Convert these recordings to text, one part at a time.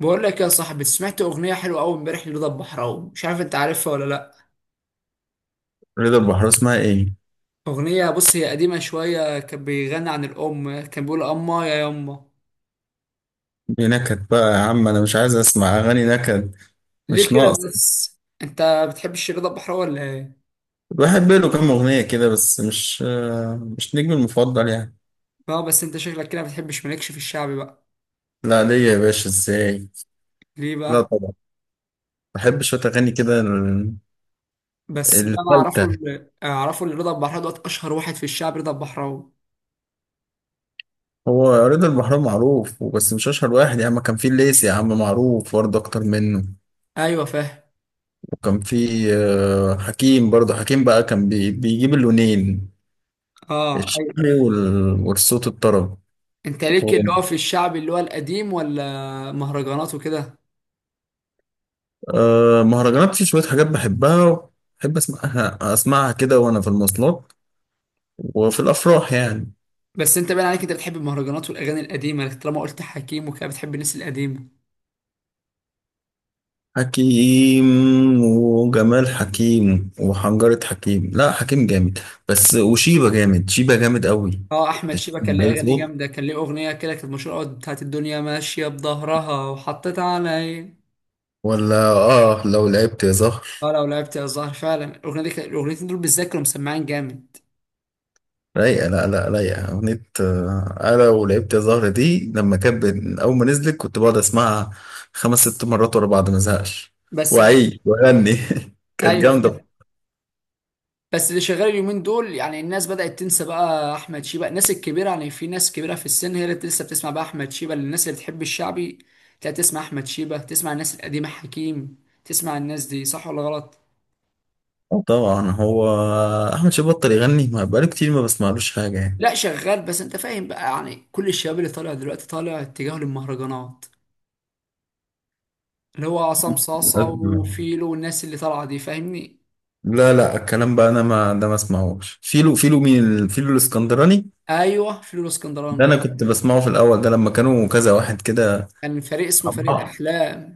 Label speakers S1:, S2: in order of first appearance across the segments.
S1: بقول لك يا صاحبي، سمعت اغنيه حلوه قوي امبارح لرضا البحراوي. مش عارف انت عارفها ولا لا؟
S2: رضا البحراوي اسمها ايه؟
S1: اغنيه، بص هي قديمه شويه، كان بيغني عن الام، كان بيقول اما يا يما.
S2: دي نكد بقى يا عم، انا مش عايز اسمع اغاني نكد.
S1: ليه
S2: مش ناقص.
S1: كده بس انت؟ بتحبش رضا البحراوي ولا ايه؟
S2: بحب له كام اغنية كده، بس مش نجمي المفضل يعني.
S1: اه، بس انت شكلك كده ما بتحبش، مالكش في الشعبي بقى؟
S2: لا، ليا يا باشا، ازاي؟
S1: ليه
S2: لا
S1: بقى؟
S2: طبعا. بحب شوية اغاني كده
S1: بس اللي انا اعرفه
S2: الفلتة.
S1: اللي اعرفه ان رضا البحراوي دوت اشهر واحد في الشعب، رضا البحراوي.
S2: هو رضا البحراوي معروف بس مش اشهر واحد يا عم، كان في الليسي يا عم معروف برضه اكتر منه.
S1: ايوه فاهم.
S2: وكان في حكيم، برضه حكيم بقى كان بيجيب اللونين،
S1: اه ايوه.
S2: الشعبي والصوت الطرب.
S1: انت ليك اللي هو في الشعب اللي هو القديم ولا مهرجانات وكده؟
S2: مهرجانات، في شوية حاجات بحبها. بحب أسمعها كده وأنا في المواصلات، وفي الأفراح يعني.
S1: بس انت باين عليك انت بتحب المهرجانات والاغاني القديمه، لكن طالما قلت حكيم وكده بتحب الناس القديمه.
S2: حكيم، وجمال حكيم، وحنجرة حكيم، لا حكيم جامد بس. وشيبة جامد، شيبة جامد قوي.
S1: اه، احمد
S2: تشوف
S1: شيبه كان ليه
S2: عليه
S1: اغاني
S2: صوت،
S1: جامده، كان ليه اغنيه كده كانت مشهوره قوي بتاعت الدنيا ماشيه بظهرها وحطيت عليا.
S2: ولا آه لو لعبت يا زهر.
S1: اه لو لعبت يا الزهر، فعلا الاغنيه دي الاغنيتين دول بالذات كانوا مسمعين جامد.
S2: رايقة، لا لا، رايقة أغنية. أنا ولعبت يا زهرة دي، لما كان أول ما نزلت كنت بقعد أسمعها خمس ست مرات ورا بعض ما أزهقش
S1: بس اللي...
S2: وأعيد وأغني كانت
S1: ايوه فاهم.
S2: جامدة.
S1: بس اللي شغال اليومين دول، يعني الناس بدات تنسى بقى احمد شيبه، الناس الكبيره، يعني في ناس كبيره في السن هي اللي لسه بتسمع بقى احمد شيبه، الناس اللي بتحب الشعبي تلاقي تسمع احمد شيبه، تسمع الناس القديمه حكيم، تسمع الناس دي، صح ولا غلط؟
S2: طبعا، هو أحمد شيبة بطل يغني، ما بقاله كتير ما بسمعلوش حاجة يعني.
S1: لا شغال، بس انت فاهم بقى، يعني كل الشباب اللي طالع دلوقتي طالع اتجاه للمهرجانات، اللي هو عصام صاصة وفيلو والناس اللي طالعة دي، فاهمني؟
S2: لا لا، الكلام بقى، أنا ما ده ما أسمعهوش. فيلو؟ فيلو مين، فيلو الإسكندراني؟
S1: ايوه فيلو
S2: ده
S1: اسكندراني.
S2: أنا كنت بسمعه في الأول، ده لما كانوا كذا واحد كده
S1: كان فريق اسمه
S2: مع
S1: فريق
S2: بعض.
S1: الاحلام.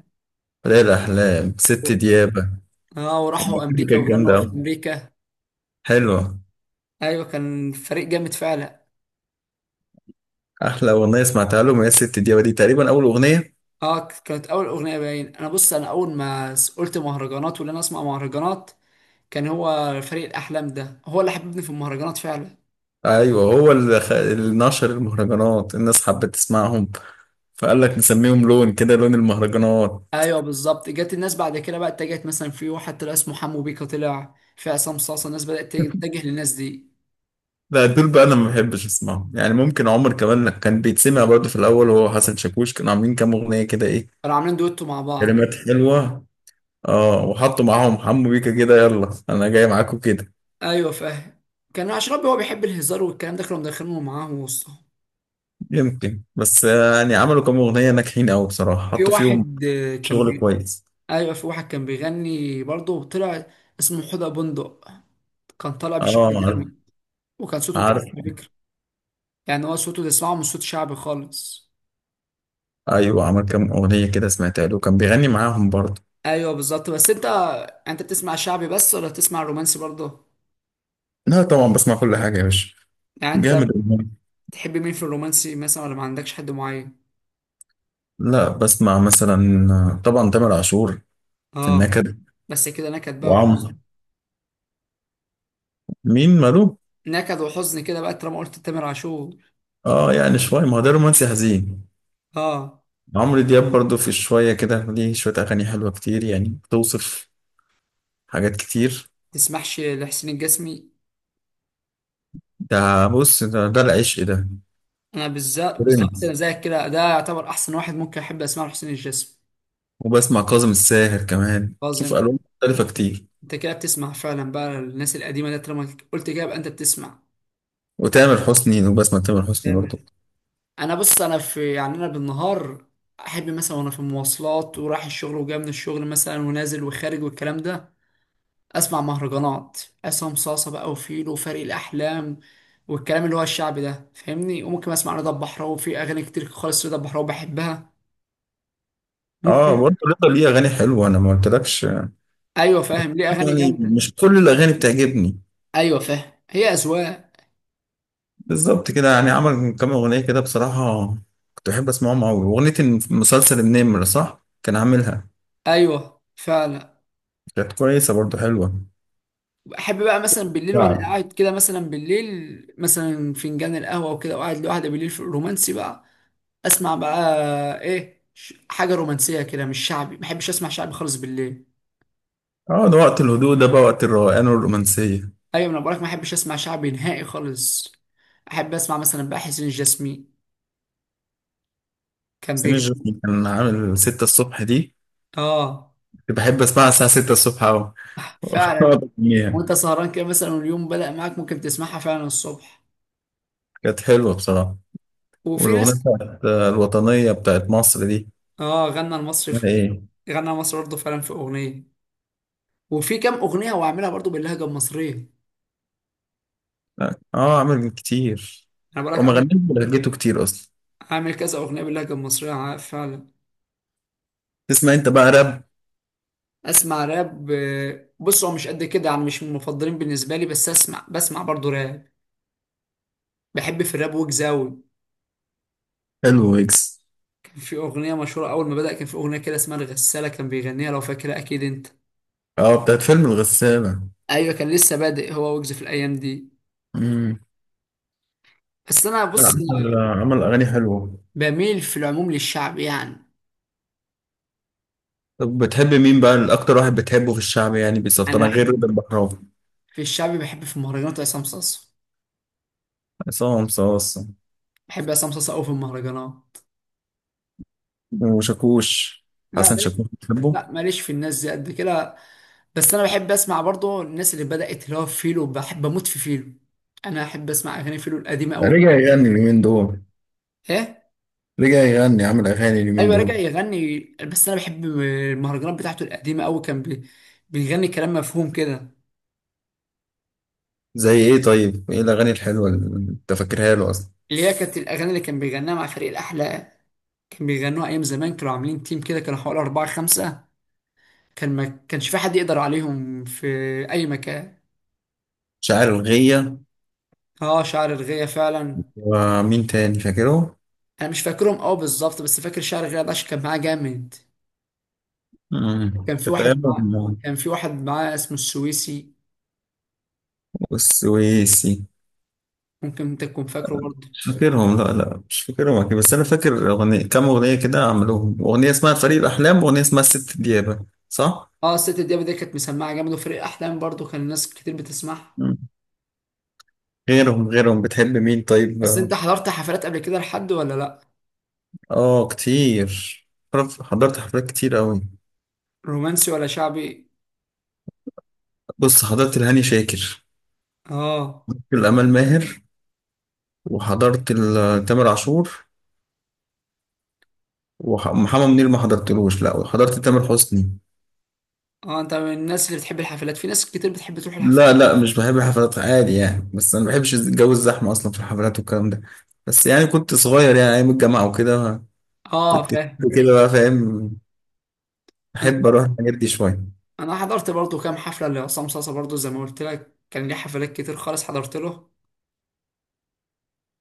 S2: ليلة أحلام، ست ديابة.
S1: اه
S2: الموسيقى
S1: وراحوا امريكا
S2: كانت
S1: وغنوا
S2: جامدة
S1: في
S2: أوي،
S1: امريكا.
S2: حلوة.
S1: ايوه كان فريق جامد فعلا.
S2: احلى اغنيه سمعتها لهم هي الست دي، تقريبا اول اغنيه.
S1: اه كانت اول اغنيه باين. انا بص، انا اول ما قلت مهرجانات، ولا انا اسمع مهرجانات، كان هو فريق الاحلام ده هو اللي حببني في المهرجانات فعلا.
S2: ايوه، هو اللي نشر المهرجانات، الناس حبت تسمعهم. فقال لك نسميهم لون كده، لون المهرجانات.
S1: ايوه بالظبط، جت الناس بعد كده بقى اتجهت، مثلا في واحد طلع اسمه حمو بيكا، طلع في عصام صاصا، الناس بدأت تتجه للناس دي.
S2: لا، دول بقى انا ما بحبش اسمعهم يعني. ممكن عمر كمان كان بيتسمع برضه في الاول، هو حسن شاكوش كانوا عاملين كام اغنيه كده، ايه
S1: كانوا عاملين دويتو مع بعض.
S2: كلمات حلوه. اه وحطوا معاهم حمو بيكا كده، يلا انا جاي معاكم كده.
S1: ايوه فاهم. كان اشربي هو بيحب الهزار والكلام ده، كانوا مدخلينه معاه وسطهم.
S2: يمكن، بس يعني عملوا كام اغنيه ناجحين قوي بصراحه،
S1: في
S2: حطوا فيهم
S1: واحد،
S2: شغل كويس.
S1: ايوه في واحد كان بيغني برضه طلع، اسمه حدى بندق. كان طالع
S2: اه
S1: بشكل
S2: عارف.
S1: جامد. وكان صوته
S2: عارف.
S1: كويس على فكره. يعني هو صوته تسمعه مش صوت شعبي خالص.
S2: ايوه، عمل كام اغنيه كده سمعتها له، كان بيغني معاهم برضه.
S1: ايوه بالظبط. بس انت بتسمع شعبي بس ولا بتسمع رومانسي برضه؟
S2: لا طبعا، بسمع كل حاجه يا باشا.
S1: يعني انت
S2: جامد والله.
S1: تحب مين في الرومانسي مثلا، ولا ما عندكش حد معين؟
S2: لا، بسمع مثلا طبعا تامر عاشور، في
S1: اه،
S2: النكد.
S1: بس كده نكد بقى
S2: وعمرو،
S1: وحزن.
S2: مين ماله؟
S1: نكد وحزن كده بقى طالما قلت تامر عاشور.
S2: اه يعني شويه، ما هو ده رومانسي حزين.
S1: اه.
S2: عمرو دياب برضه في شويه كده، ليه شويه اغاني حلوه كتير يعني، بتوصف حاجات كتير.
S1: تسمحش لحسين الجسمي.
S2: ده بص، ده العشق ده.
S1: انا بالذات بالظبط، انا
S2: برنس.
S1: زيك كده، ده يعتبر احسن واحد ممكن احب اسمعه لحسين الجسمي.
S2: وبسمع كاظم الساهر كمان، شوف
S1: عظيم.
S2: الوان مختلفه كتير.
S1: انت كده بتسمع فعلا بقى الناس القديمه، ده طالما قلت كده يبقى انت بتسمع.
S2: وتامر حسني، وبسمع تامر حسني برضه.
S1: تمام. انا بص، انا في، يعني انا بالنهار احب مثلا وانا في المواصلات ورايح الشغل وجاي من الشغل مثلا ونازل وخارج والكلام ده اسمع مهرجانات عصام صاصه بقى وفيلو وفريق الاحلام والكلام اللي هو الشعبي ده، فاهمني؟ وممكن اسمع رضا البحراوي في اغاني كتير خالص، رضا البحراوي بحبها،
S2: اه
S1: ممكن.
S2: برضه رضا ليه اغاني حلوه، انا ما قلتلكش.
S1: ايوه فاهم ليه اغاني
S2: يعني
S1: جامده.
S2: مش كل الاغاني بتعجبني.
S1: ايوه فاهم، هي اذواق.
S2: بالظبط كده، يعني عمل كام اغنيه كده بصراحه كنت بحب اسمعهم قوي. اغنيه مسلسل النمر، صح، كان عاملها.
S1: ايوه فعلا.
S2: كانت كويسه برضه، حلوه.
S1: احب بقى مثلا بالليل وانا
S2: نعم.
S1: قاعد كده، مثلا بالليل مثلا فنجان القهوه وكده وقاعد لوحدي بالليل في الرومانسي بقى، اسمع بقى ايه، حاجه رومانسيه كده مش شعبي، ما بحبش اسمع شعبي خالص بالليل.
S2: اه، ده وقت الهدوء، ده بقى وقت الروقان والرومانسيه.
S1: ايوه انا بقولك ما احبش اسمع شعبي نهائي خالص. احب اسمع مثلا بقى حسين الجسمي كان
S2: سمير
S1: بيغني.
S2: جوكي كان عامل 6 الصبح دي،
S1: اه
S2: كنت بحب اسمعها الساعه 6 الصبح قوي. أقعد
S1: فعلا.
S2: أغنيها.
S1: وانت سهران كده مثلا واليوم بدأ معاك ممكن تسمعها فعلا الصبح.
S2: كانت حلوه بصراحه.
S1: وفي
S2: والاغنيه
S1: ناس.
S2: بتاعت الوطنيه بتاعت مصر دي،
S1: اه غنى المصري
S2: اسمها
S1: في كده.
S2: ايه؟
S1: غنى المصري برضه فعلا في اغنيه. وفي كام اغنيه هو عاملها برضه باللهجه المصريه.
S2: لا. اه عمل كتير.
S1: انا
S2: هو
S1: بقولك
S2: ما غناش
S1: عامل،
S2: ولا لقيته كتير اصلا.
S1: عامل كذا اغنيه باللهجه المصريه فعلا.
S2: تسمع انت بقى راب؟
S1: اسمع راب، بص هو مش قد كده يعني، مش من المفضلين بالنسبه لي، بس اسمع، بسمع برضه راب. بحب في الراب ويجز أوي.
S2: حلو ويجز.
S1: في أغنية مشهورة أول ما بدأ، كان في أغنية كده اسمها الغسالة كان بيغنيها، لو فاكرها أكيد أنت.
S2: اه بتاعت فيلم الغسالة.
S1: أيوة كان لسه بادئ هو ويجز في الأيام دي.
S2: امم.
S1: بس أنا
S2: لا،
S1: بص، أنا
S2: عمل اغاني حلوه.
S1: بميل في العموم للشعب يعني.
S2: طب بتحب مين بقى الاكتر، واحد بتحبه في الشعب يعني بالظبط
S1: أنا
S2: انا غير
S1: أحب
S2: رضا البحراوي.
S1: في الشعب، بحب في المهرجانات عصام صاصا.
S2: عصام صاصا.
S1: بحب عصام صاصا أوي في المهرجانات.
S2: وشاكوش؟
S1: لا
S2: حسن
S1: مالي.
S2: شاكوش بتحبه؟
S1: لا ماليش في الناس دي قد كده. بس أنا بحب أسمع برضه الناس اللي بدأت، اللي هو فيلو، بحب أموت في فيلو. أنا أحب أسمع أغاني فيلو القديمة أوي
S2: رجع
S1: كمان.
S2: يغني اليومين دول،
S1: إيه؟
S2: رجع يغني عمل اغاني اليومين
S1: ايوه رجع
S2: دول.
S1: يغني. بس انا بحب المهرجانات بتاعته القديمه قوي، بيغني كلام مفهوم كده.
S2: زي ايه طيب، ايه الاغاني الحلوه اللي انت فاكرها له اصلا؟
S1: اللي هي كانت الاغاني اللي كان بيغناها مع فريق الاحلى، كان بيغنوها ايام زمان، كانوا عاملين تيم كده، كانوا حوالي اربعه خمسه، كان ما كانش في حد يقدر عليهم في اي مكان.
S2: شاعر الغية.
S1: اه شعر الغية فعلا.
S2: ومين تاني فاكره؟
S1: انا مش فاكرهم قوي بالظبط، بس فاكر شعر الغية ده عشان كان معاه جامد.
S2: مم.
S1: كان في واحد
S2: فتاهم.
S1: معاه كان في واحد معاه اسمه السويسي.
S2: والسويسي.
S1: ممكن انت تكون فاكره برضه.
S2: مش فاكرهم، لا لا مش فاكرهم أكيد. بس أنا فاكر أغنية، كام أغنية كده عملوهم، أغنية اسمها فريق الأحلام وأغنية اسمها الست ديابة، صح؟
S1: اه الست دياب دي كانت مسمعه جامد، وفريق احلام برضه كان الناس كتير بتسمعها.
S2: مم. غيرهم بتحب مين طيب؟
S1: بس انت حضرت حفلات قبل كده لحد ولا لا؟
S2: آه كتير. حضرت حفلات كتير أوي.
S1: رومانسي ولا شعبي؟
S2: بص، حضرت الهاني شاكر،
S1: اه،
S2: الأمال ماهر، وحضرت تامر عاشور، ومحمد منير ما حضرتلوش، لا، وحضرت تامر حسني.
S1: اه انت من الناس اللي بتحب الحفلات، في ناس كتير بتحب تروح
S2: لا
S1: الحفلات.
S2: لا، مش بحب الحفلات عادي يعني، بس انا ما بحبش جو الزحمه اصلا في الحفلات والكلام ده. بس يعني كنت صغير يعني، ايام الجامعه وكده
S1: اه
S2: كنت
S1: فاهم.
S2: كده بقى فاهم،
S1: انا
S2: احب اروح الحاجات دي شويه.
S1: انا حضرت برضو كام حفله لعصام صاصا برضو، زي ما قلت لك كان ليه حفلات كتير خالص حضرت له.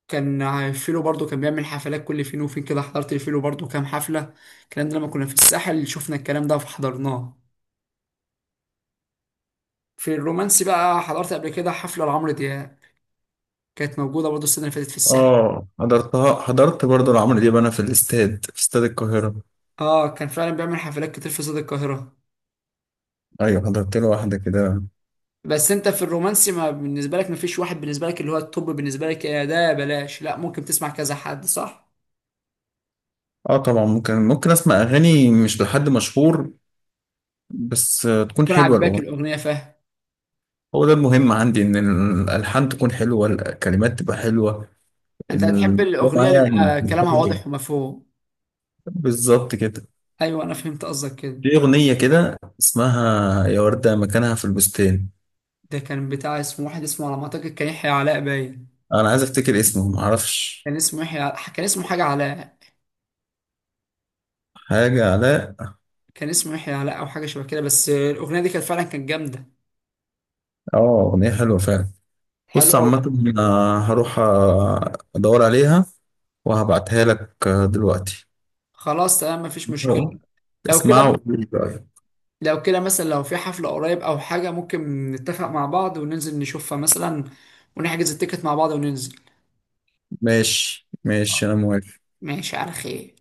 S1: كان فيلو برضو كان بيعمل حفلات كل فين وفين كده، حضرت الفيلو برضو كام حفله. الكلام ده لما كنا في الساحل شفنا الكلام ده فحضرناه. في الرومانسي بقى، حضرت قبل كده حفله لعمرو دياب. كانت موجوده برضو السنه اللي فاتت في الساحل.
S2: اه حضرتها، حضرت برضه لعمرو دياب انا، في الاستاد، في استاد القاهره.
S1: اه كان فعلا بيعمل حفلات كتير في استاد القاهره.
S2: ايوه حضرت له واحده كده.
S1: بس انت في الرومانسي، ما بالنسبه لك ما فيش واحد بالنسبه لك اللي هو التوب بالنسبه لك، يا ده يا بلاش، لا ممكن تسمع كذا حد، صح؟
S2: اه طبعا ممكن اسمع اغاني مش لحد مشهور، بس تكون
S1: يكون
S2: حلوه
S1: عاجباك
S2: الاغنيه.
S1: الاغنيه، فاهم.
S2: هو ده المهم عندي، ان الالحان تكون حلوه، الكلمات تبقى حلوه
S1: انت
S2: ال-
S1: هتحب الاغنيه اللي
S2: معايا يعني،
S1: يبقى كلامها واضح ومفهوم.
S2: بالظبط كده.
S1: ايوه انا فهمت قصدك كده.
S2: في أغنية كده اسمها يا وردة مكانها في البستان.
S1: ده كان بتاع اسمه واحد، اسمه على ما اعتقد كان يحيى علاء باين.
S2: أنا عايز أفتكر اسمه، معرفش.
S1: كان اسمه يحيى علاء، كان اسمه حاجه علاء.
S2: حاجة علاء.
S1: كان اسمه يحيى علاء او حاجه شبه كده، بس الاغنيه دي كانت فعلا كانت جامده.
S2: آه أغنية حلوة فعلا. بص
S1: حلو.
S2: عامة، هروح أدور عليها وهبعتها لك دلوقتي.
S1: خلاص تمام مفيش مشكله. لو كده
S2: اسمعوا وقولي رأيك.
S1: لو كده مثلا لو في حفلة قريب أو حاجة، ممكن نتفق مع بعض وننزل نشوفها مثلا، ونحجز التيكت مع بعض وننزل.
S2: ماشي ماشي، أنا موافق.
S1: ماشي على خير.